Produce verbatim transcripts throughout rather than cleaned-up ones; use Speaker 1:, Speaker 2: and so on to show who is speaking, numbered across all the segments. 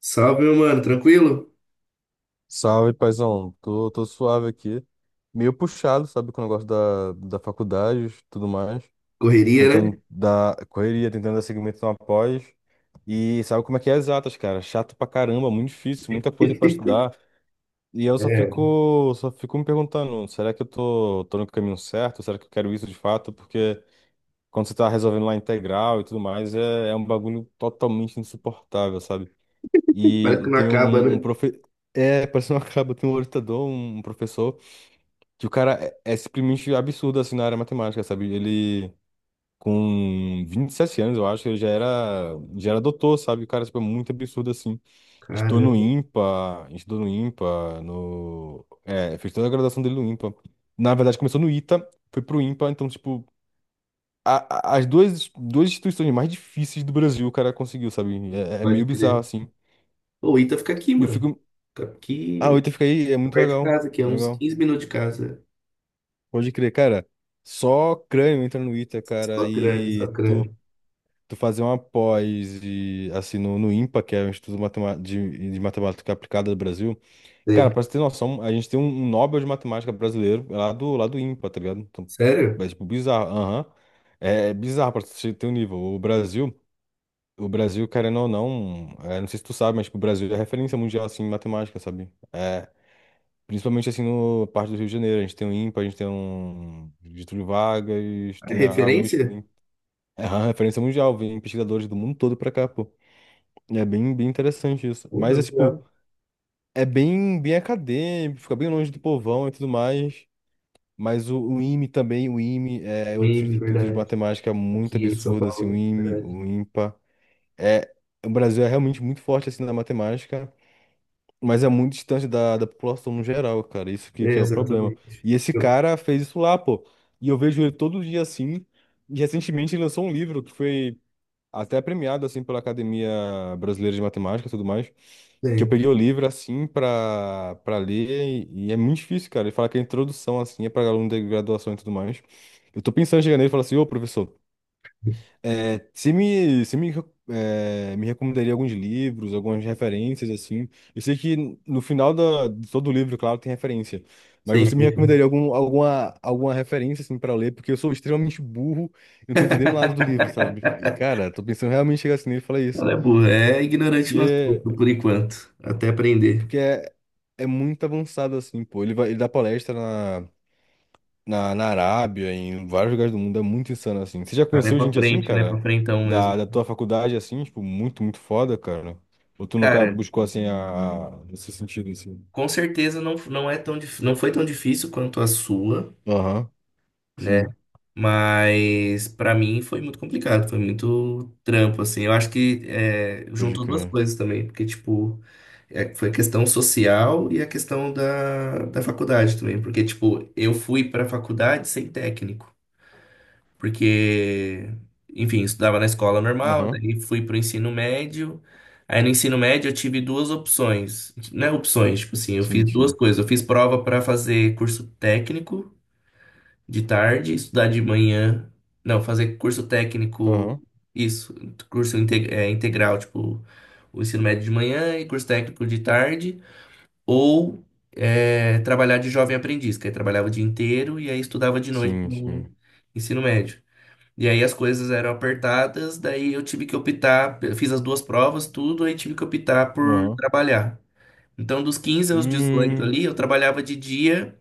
Speaker 1: Salve, meu mano, tranquilo?
Speaker 2: Salve, paizão. Tô, tô suave aqui. Meio puxado, sabe, com o negócio da, da faculdade, e tudo mais.
Speaker 1: Correria, né?
Speaker 2: Tentando dar correria, tentando dar segmento numa pós. E sabe como é que é exatas, cara? Chato pra caramba, muito difícil, muita coisa pra estudar. E eu só
Speaker 1: É,
Speaker 2: fico, só fico me perguntando, será que eu tô, tô no caminho certo? Será que eu quero isso de fato? Porque quando você tá resolvendo lá integral e tudo mais, é, é um bagulho totalmente insuportável, sabe?
Speaker 1: parece
Speaker 2: E
Speaker 1: que não
Speaker 2: tem
Speaker 1: acaba,
Speaker 2: um, um
Speaker 1: né?
Speaker 2: profe... É, parece uma caba, tem um orientador, um professor, que o cara é, é simplesmente absurdo, assim, na área matemática, sabe? Ele, com vinte e sete anos, eu acho, ele já era, já era doutor, sabe? O cara, tipo, é muito absurdo, assim. Estou
Speaker 1: Caramba,
Speaker 2: no IMPA, estou no IMPA, no... É, fez toda a graduação dele no IMPA. Na verdade, começou no ITA, foi pro IMPA, então, tipo, a- a- as duas, duas instituições mais difíceis do Brasil o cara conseguiu, sabe? É, é
Speaker 1: pode
Speaker 2: meio bizarro,
Speaker 1: crer.
Speaker 2: assim.
Speaker 1: Ô, o Ita fica aqui,
Speaker 2: E eu
Speaker 1: mano.
Speaker 2: fico.
Speaker 1: Fica
Speaker 2: Ah, o
Speaker 1: aqui,
Speaker 2: Ita fica aí, é
Speaker 1: fica
Speaker 2: muito
Speaker 1: perto de
Speaker 2: legal.
Speaker 1: casa, aqui, é uns
Speaker 2: Legal.
Speaker 1: quinze minutos de casa.
Speaker 2: Pode crer, cara. Só crânio entra no Ita, cara,
Speaker 1: Só crânio, só
Speaker 2: e tu,
Speaker 1: crânio.
Speaker 2: tu fazer uma pós de, assim, no, no IMPA, que é o Instituto Matema- de, de Matemática Aplicada do Brasil. Cara,
Speaker 1: Sei.
Speaker 2: pra você ter noção, a gente tem um, um Nobel de Matemática brasileiro lá do, lá do IMPA, tá ligado? Então,
Speaker 1: Sério?
Speaker 2: é tipo bizarro. Aham. É é bizarro pra você ter um nível. O Brasil, o Brasil, querendo ou não, é, não sei se tu sabe, mas tipo, o Brasil é referência mundial, assim, em matemática, sabe? É, principalmente assim no parte do Rio de Janeiro. A gente tem o IMPA, a gente tem um Getúlio Vargas,
Speaker 1: Ah, é
Speaker 2: tem a, a USP,
Speaker 1: referência?
Speaker 2: né? É uma referência mundial, vem pesquisadores do mundo todo pra cá, pô. E É bem, bem interessante isso.
Speaker 1: Porra,
Speaker 2: Mas é tipo,
Speaker 1: legal.
Speaker 2: é bem, bem acadêmico, fica bem longe do povão e tudo mais. Mas o, o IME também, o IME é outro
Speaker 1: Meme,
Speaker 2: instituto de
Speaker 1: verdade.
Speaker 2: matemática muito
Speaker 1: Aqui em São
Speaker 2: absurdo, assim, o
Speaker 1: Paulo, né?
Speaker 2: IME,
Speaker 1: Verdade.
Speaker 2: o IMPA. É, o Brasil é realmente muito forte assim na matemática. Mas é muito distante da, da população no geral, cara. Isso que,
Speaker 1: É,
Speaker 2: que é o problema.
Speaker 1: exatamente.
Speaker 2: E esse
Speaker 1: Eu-
Speaker 2: cara fez isso lá, pô. E eu vejo ele todo dia assim. E recentemente ele lançou um livro que foi até premiado, assim, pela Academia Brasileira de Matemática e tudo mais. Que eu
Speaker 1: Sei,
Speaker 2: peguei o livro, assim, pra, pra ler. E, e é muito difícil, cara. Ele fala que a introdução, assim, é pra aluno de graduação e tudo mais. Eu tô pensando em chegar nele e falar assim, ô, professor. É, você me, você me, é, me recomendaria alguns livros, algumas referências, assim. Eu sei que no final da, de todo livro, claro, tem referência. Mas
Speaker 1: sei,
Speaker 2: você me
Speaker 1: sei.
Speaker 2: recomendaria
Speaker 1: Sei.
Speaker 2: algum, alguma, alguma referência, assim, para ler? Porque eu sou extremamente burro e não tô entendendo nada do livro, sabe? E, cara, tô pensando realmente em chegar assim nele e falar isso.
Speaker 1: Ela é burra, é ignorante
Speaker 2: Que
Speaker 1: no assunto,
Speaker 2: é,
Speaker 1: por enquanto. Até aprender.
Speaker 2: porque é, é muito avançado, assim, pô. Ele vai, ele dá palestra na, na Arábia, em vários lugares do mundo, é muito insano assim. Você já
Speaker 1: Cara, é
Speaker 2: conheceu
Speaker 1: pra
Speaker 2: gente assim,
Speaker 1: frente, né? Pra
Speaker 2: cara?
Speaker 1: frentão mesmo.
Speaker 2: Da, da tua faculdade, assim, tipo, muito, muito foda, cara? Ou tu nunca
Speaker 1: Cara,
Speaker 2: buscou, assim, a, a- nesse sentido, assim?
Speaker 1: com certeza não, não é tão, dif- não foi tão difícil quanto a sua,
Speaker 2: Aham,
Speaker 1: né?
Speaker 2: sim,
Speaker 1: Mas pra mim foi muito complicado, foi muito trampo, assim. Eu acho que é,
Speaker 2: pode
Speaker 1: juntou duas
Speaker 2: crer.
Speaker 1: coisas também, porque, tipo, é, foi a questão social e a questão da, da faculdade também. Porque, tipo, eu fui pra faculdade sem técnico. Porque, enfim, estudava na escola normal,
Speaker 2: Aham,
Speaker 1: daí fui pro ensino médio. Aí no ensino médio eu tive duas opções, né? Opções, tipo assim, eu fiz
Speaker 2: sim,
Speaker 1: duas
Speaker 2: sim.
Speaker 1: coisas. Eu fiz prova para fazer curso técnico de tarde, estudar de manhã. Não, fazer curso técnico,
Speaker 2: Aham,
Speaker 1: isso, curso inte- é, integral, tipo, o ensino médio de manhã e curso técnico de tarde. Ou é, trabalhar de jovem aprendiz, que aí trabalhava o dia inteiro e aí estudava de noite
Speaker 2: sim,
Speaker 1: no
Speaker 2: sim.
Speaker 1: ensino médio. E aí as coisas eram apertadas, daí eu tive que optar, eu fiz as duas provas, tudo, aí tive que optar por
Speaker 2: Aham.
Speaker 1: trabalhar. Então, dos quinze aos dezoito
Speaker 2: Hum,
Speaker 1: ali, eu trabalhava de dia,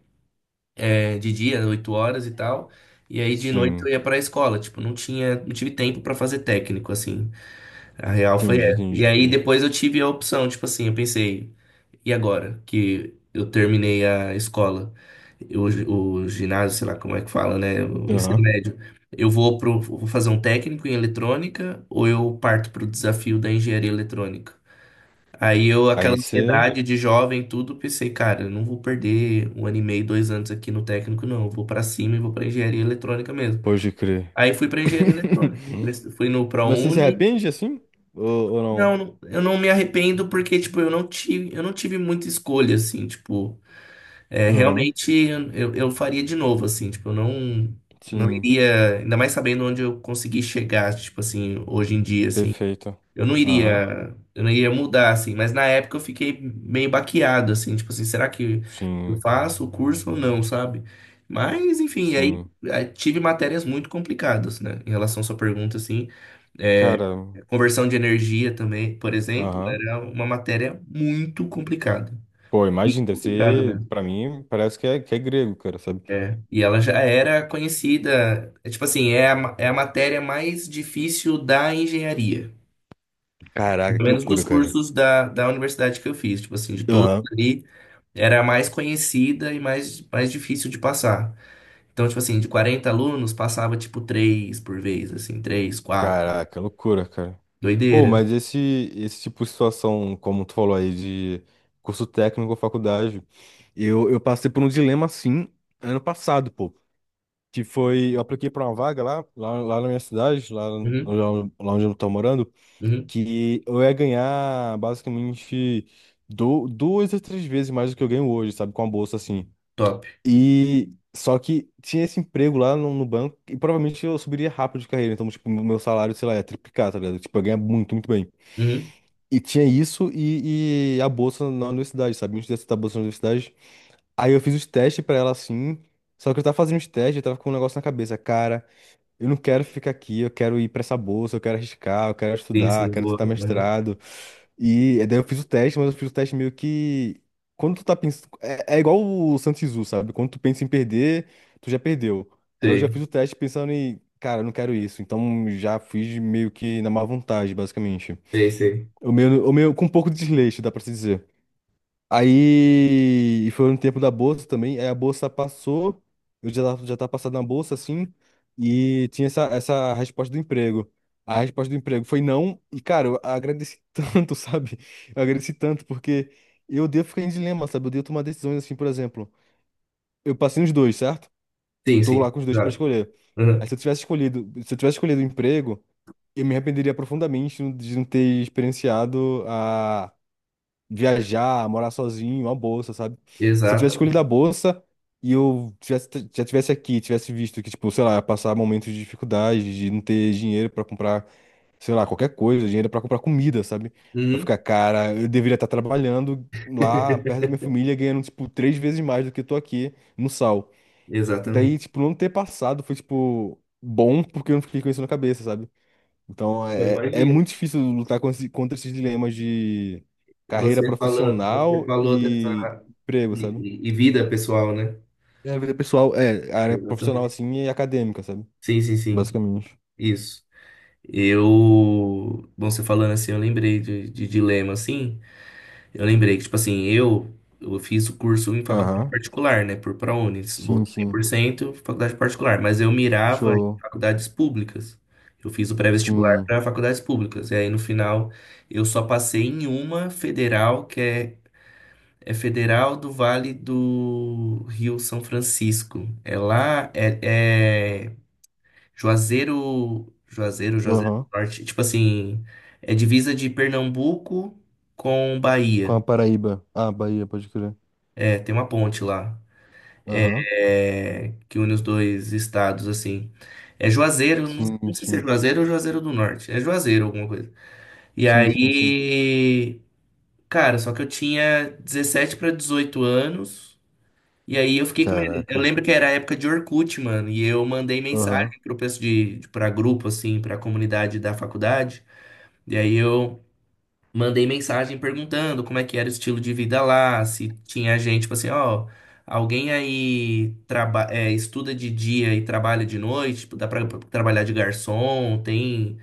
Speaker 1: eh, de dia, oito horas e tal, e aí de noite eu
Speaker 2: sim,
Speaker 1: ia para a escola, tipo, não tinha, não tive tempo para fazer técnico assim. A real foi
Speaker 2: entendi,
Speaker 1: essa. E aí
Speaker 2: entendi.
Speaker 1: depois eu tive a opção, tipo assim, eu pensei, e agora que eu terminei a escola, eu- o ginásio, sei lá como é que fala, né? O ensino
Speaker 2: Aham,
Speaker 1: médio. Eu vou pro, vou fazer um técnico em eletrônica ou eu parto pro desafio da engenharia eletrônica? Aí eu, aquela
Speaker 2: aí você,
Speaker 1: ansiedade de jovem, tudo, pensei, cara, eu não vou perder um ano e meio, dois anos aqui no técnico, não. Eu vou pra cima e vou pra engenharia eletrônica mesmo.
Speaker 2: pode crer.
Speaker 1: Aí fui pra engenharia eletrônica. Fui no
Speaker 2: Mas você se
Speaker 1: ProUni,
Speaker 2: arrepende, assim? Ou, ou não?
Speaker 1: não, não- eu não me arrependo porque, tipo, eu não tive, eu não tive muita escolha, assim, tipo, é,
Speaker 2: Aham,
Speaker 1: realmente eu, eu faria de novo, assim, tipo, eu não, não
Speaker 2: sim,
Speaker 1: iria, ainda mais sabendo onde eu consegui chegar, tipo, assim, hoje em dia, assim,
Speaker 2: perfeito.
Speaker 1: eu não
Speaker 2: Aham.
Speaker 1: iria, eu não iria mudar, assim, mas na época eu fiquei meio baqueado, assim, tipo, assim, será que eu
Speaker 2: Sim,
Speaker 1: faço o curso ou não, sabe? Mas, enfim, aí,
Speaker 2: sim.
Speaker 1: aí tive matérias muito complicadas, né, em relação à sua pergunta, assim, é,
Speaker 2: Cara,
Speaker 1: Conversão de energia também, por exemplo,
Speaker 2: aham.
Speaker 1: era uma matéria muito complicada.
Speaker 2: Pô, imagina, deve
Speaker 1: Complicada
Speaker 2: ser,
Speaker 1: mesmo.
Speaker 2: pra mim, parece que é, que é grego, cara, sabe?
Speaker 1: É. E ela já era conhecida, é, tipo assim, é a, ma- é a matéria mais difícil da engenharia.
Speaker 2: Caraca,
Speaker 1: Pelo
Speaker 2: que
Speaker 1: menos dos
Speaker 2: loucura, cara.
Speaker 1: cursos da, da universidade que eu fiz, tipo assim, de todos
Speaker 2: Aham.
Speaker 1: ali, era a mais conhecida e mais, mais difícil de passar. Então, tipo assim, de quarenta alunos, passava tipo três por vez, assim, três quatro.
Speaker 2: Caraca, loucura, cara. Ô,
Speaker 1: Doideira.
Speaker 2: mas esse, esse tipo de situação, como tu falou aí, de curso técnico ou faculdade, eu, eu passei por um dilema assim ano passado, pô. Que foi, eu apliquei pra uma vaga lá, lá, lá na minha cidade, lá, no-
Speaker 1: Uhum,
Speaker 2: lá onde eu tô morando.
Speaker 1: uhum,
Speaker 2: Que eu ia ganhar basicamente du- duas a três vezes mais do que eu ganho hoje, sabe? Com a bolsa assim.
Speaker 1: top.
Speaker 2: E só que tinha esse emprego lá no, no banco e provavelmente eu subiria rápido de carreira. Então, tipo, meu salário, sei lá, ia triplicar, tá ligado? Tipo, eu ia ganhar muito, muito bem.
Speaker 1: Uhum.
Speaker 2: E tinha isso e, e a bolsa na universidade, sabe? Antes de aceitar a bolsa na universidade. Aí eu fiz os testes pra ela assim. Só que eu tava fazendo os testes, eu tava com um negócio na cabeça. Cara, eu não quero ficar aqui, eu quero ir pra essa bolsa, eu quero arriscar, eu quero
Speaker 1: Sim,
Speaker 2: estudar, eu
Speaker 1: sim,
Speaker 2: quero
Speaker 1: boa.
Speaker 2: tentar
Speaker 1: Uhum.
Speaker 2: mestrado. E eh, daí eu fiz o teste, mas eu fiz o teste meio que. Quando tu tá pensando. É, é igual o Santos Zoo, sabe? Quando tu pensa em perder, tu já perdeu. Aí eu já
Speaker 1: Sei.
Speaker 2: fiz o teste pensando em. Cara, eu não quero isso. Então já fiz meio que na má vontade, basicamente.
Speaker 1: Sei, sei.
Speaker 2: O meu, o meu com um pouco de desleixo, dá pra se dizer. Aí foi no tempo da bolsa também. Aí a bolsa passou, eu já tava, já tava passado na bolsa assim, e tinha essa, essa resposta do emprego. A resposta do emprego foi não, e cara, eu agradeci tanto, sabe? Eu agradeci tanto, porque eu devo ficar em dilema, sabe? Eu devo tomar decisões assim, por exemplo. Eu passei nos dois, certo?
Speaker 1: Sim,
Speaker 2: Tô
Speaker 1: sim.
Speaker 2: lá com os dois pra
Speaker 1: Exato.
Speaker 2: escolher. Aí
Speaker 1: Uhum.
Speaker 2: se eu tivesse escolhido, se eu tivesse escolhido o emprego, eu me arrependeria profundamente de não ter experienciado a viajar, morar sozinho, uma bolsa, sabe? Se eu tivesse escolhido a
Speaker 1: Exatamente.
Speaker 2: bolsa e eu tivesse, já tivesse aqui, tivesse visto que, tipo, sei lá, ia passar momentos de dificuldade, de não ter dinheiro pra comprar, sei lá, qualquer coisa, dinheiro pra comprar comida, sabe? Vai ficar,
Speaker 1: Uhum.
Speaker 2: cara, eu deveria estar trabalhando lá perto da minha família, ganhando, tipo, três vezes mais do que eu tô aqui no sal.
Speaker 1: Exatamente.
Speaker 2: Daí, tipo, não ter passado foi, tipo, bom porque eu não fiquei com isso na cabeça, sabe? Então
Speaker 1: Eu
Speaker 2: é, é
Speaker 1: imagino.
Speaker 2: muito difícil lutar com esse- contra esses dilemas de carreira
Speaker 1: Você falando, você
Speaker 2: profissional
Speaker 1: falou dessa
Speaker 2: e emprego,
Speaker 1: e,
Speaker 2: sabe?
Speaker 1: e- e vida pessoal, né?
Speaker 2: É, a vida pessoal, é, a área profissional
Speaker 1: Exatamente.
Speaker 2: assim e acadêmica, sabe?
Speaker 1: Sim, sim, sim.
Speaker 2: Basicamente.
Speaker 1: Isso. Eu, bom, você falando assim, eu lembrei de, de dilema assim. Eu lembrei que, tipo assim, eu, eu fiz o curso em faculdade
Speaker 2: Aham.
Speaker 1: particular, né? Por ProUnis, bolsa
Speaker 2: Sim,
Speaker 1: cem
Speaker 2: sim.
Speaker 1: por cento faculdade particular, mas eu mirava em
Speaker 2: Show.
Speaker 1: faculdades públicas. Eu fiz o pré-vestibular
Speaker 2: Sim.
Speaker 1: para faculdades públicas. E aí, no final, eu só passei em uma federal, que é, é Federal do Vale do Rio São Francisco. É lá, é, é Juazeiro, Juazeiro, Juazeiro do
Speaker 2: Aham.
Speaker 1: Norte. Tipo assim, é divisa de Pernambuco com
Speaker 2: Com a
Speaker 1: Bahia.
Speaker 2: Paraíba. Ah, Bahia, pode crer.
Speaker 1: É, tem uma ponte lá,
Speaker 2: Aham.
Speaker 1: é, que une os dois estados, assim. É Juazeiro, não,
Speaker 2: Sim,
Speaker 1: não sei se é
Speaker 2: sim.
Speaker 1: Juazeiro ou Juazeiro do Norte. É Juazeiro, alguma coisa. E
Speaker 2: Sim, sim, sim.
Speaker 1: aí, cara, só que eu tinha dezessete para dezoito anos. E aí eu fiquei com medo. Eu
Speaker 2: Caraca.
Speaker 1: lembro que era a época de Orkut, mano. E eu mandei
Speaker 2: Aham.
Speaker 1: mensagem pro pessoal de, de- pra grupo, assim, pra comunidade da faculdade. E aí eu mandei mensagem perguntando como é que era o estilo de vida lá, se tinha gente, tipo assim, ó, alguém aí traba é, estuda de dia e trabalha de noite, tipo, dá pra pra trabalhar de garçom, tem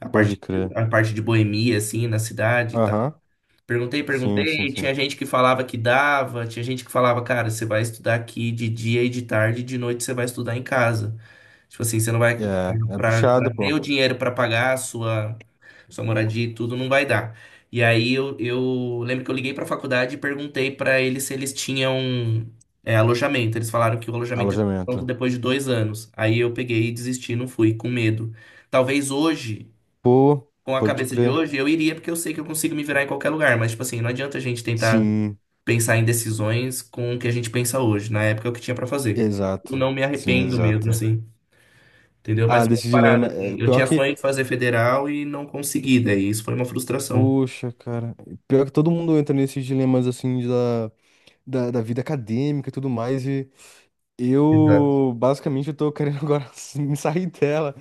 Speaker 1: a
Speaker 2: Pode
Speaker 1: parte,
Speaker 2: crer.
Speaker 1: a parte de boemia, assim, na cidade e tal.
Speaker 2: Aham.
Speaker 1: Perguntei,
Speaker 2: Sim, sim,
Speaker 1: perguntei, tinha
Speaker 2: sim.
Speaker 1: gente que falava que dava, tinha gente que falava, cara, você vai estudar aqui de dia e de tarde, e de noite você vai estudar em casa. Tipo assim, você não vai
Speaker 2: É, é
Speaker 1: para
Speaker 2: puxado,
Speaker 1: para ter
Speaker 2: pô.
Speaker 1: o dinheiro para pagar a sua sua moradia e tudo não vai dar. E aí eu, eu lembro que eu liguei para a faculdade e perguntei para eles se eles tinham é, alojamento. Eles falaram que o alojamento é pronto
Speaker 2: Alojamento.
Speaker 1: depois de dois anos. Aí eu peguei e desisti, não fui, com medo. Talvez hoje,
Speaker 2: Pô,
Speaker 1: com a
Speaker 2: pode
Speaker 1: cabeça de
Speaker 2: crer.
Speaker 1: hoje, eu iria porque eu sei que eu consigo me virar em qualquer lugar. Mas tipo assim, não adianta a gente tentar
Speaker 2: Sim,
Speaker 1: pensar em decisões com o que a gente pensa hoje. Na época é o que tinha para fazer. Eu
Speaker 2: exato.
Speaker 1: não me
Speaker 2: Sim,
Speaker 1: arrependo mesmo,
Speaker 2: exato.
Speaker 1: assim. Entendeu? Mas
Speaker 2: Ah,
Speaker 1: foi uma
Speaker 2: desse
Speaker 1: parada,
Speaker 2: dilema. É,
Speaker 1: assim. Eu
Speaker 2: pior
Speaker 1: tinha
Speaker 2: que.
Speaker 1: sonho de fazer federal e não consegui, daí isso foi uma frustração.
Speaker 2: Poxa, cara. Pior que todo mundo entra nesses dilemas assim da, da, da vida acadêmica e tudo mais. E
Speaker 1: Exato.
Speaker 2: eu, basicamente, eu tô querendo agora me sair dela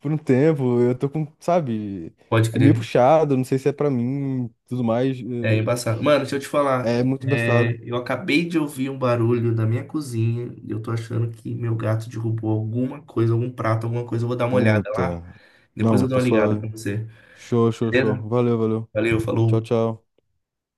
Speaker 2: por um tempo. Eu tô com, sabe?
Speaker 1: Pode
Speaker 2: É meio
Speaker 1: crer.
Speaker 2: puxado, não sei se é pra mim, tudo mais.
Speaker 1: É embaçado. Mano, deixa eu te falar.
Speaker 2: É, é muito
Speaker 1: É,
Speaker 2: embaçado.
Speaker 1: eu acabei de ouvir um barulho da minha cozinha e eu tô achando que meu gato derrubou alguma coisa, algum prato, alguma coisa. Eu vou dar uma olhada lá.
Speaker 2: Puta.
Speaker 1: Depois
Speaker 2: Não,
Speaker 1: eu dou
Speaker 2: tá
Speaker 1: uma ligada pra
Speaker 2: suave.
Speaker 1: você.
Speaker 2: Show, show, show.
Speaker 1: Beleza?
Speaker 2: Valeu, valeu.
Speaker 1: Valeu,
Speaker 2: Tchau,
Speaker 1: falou.
Speaker 2: tchau.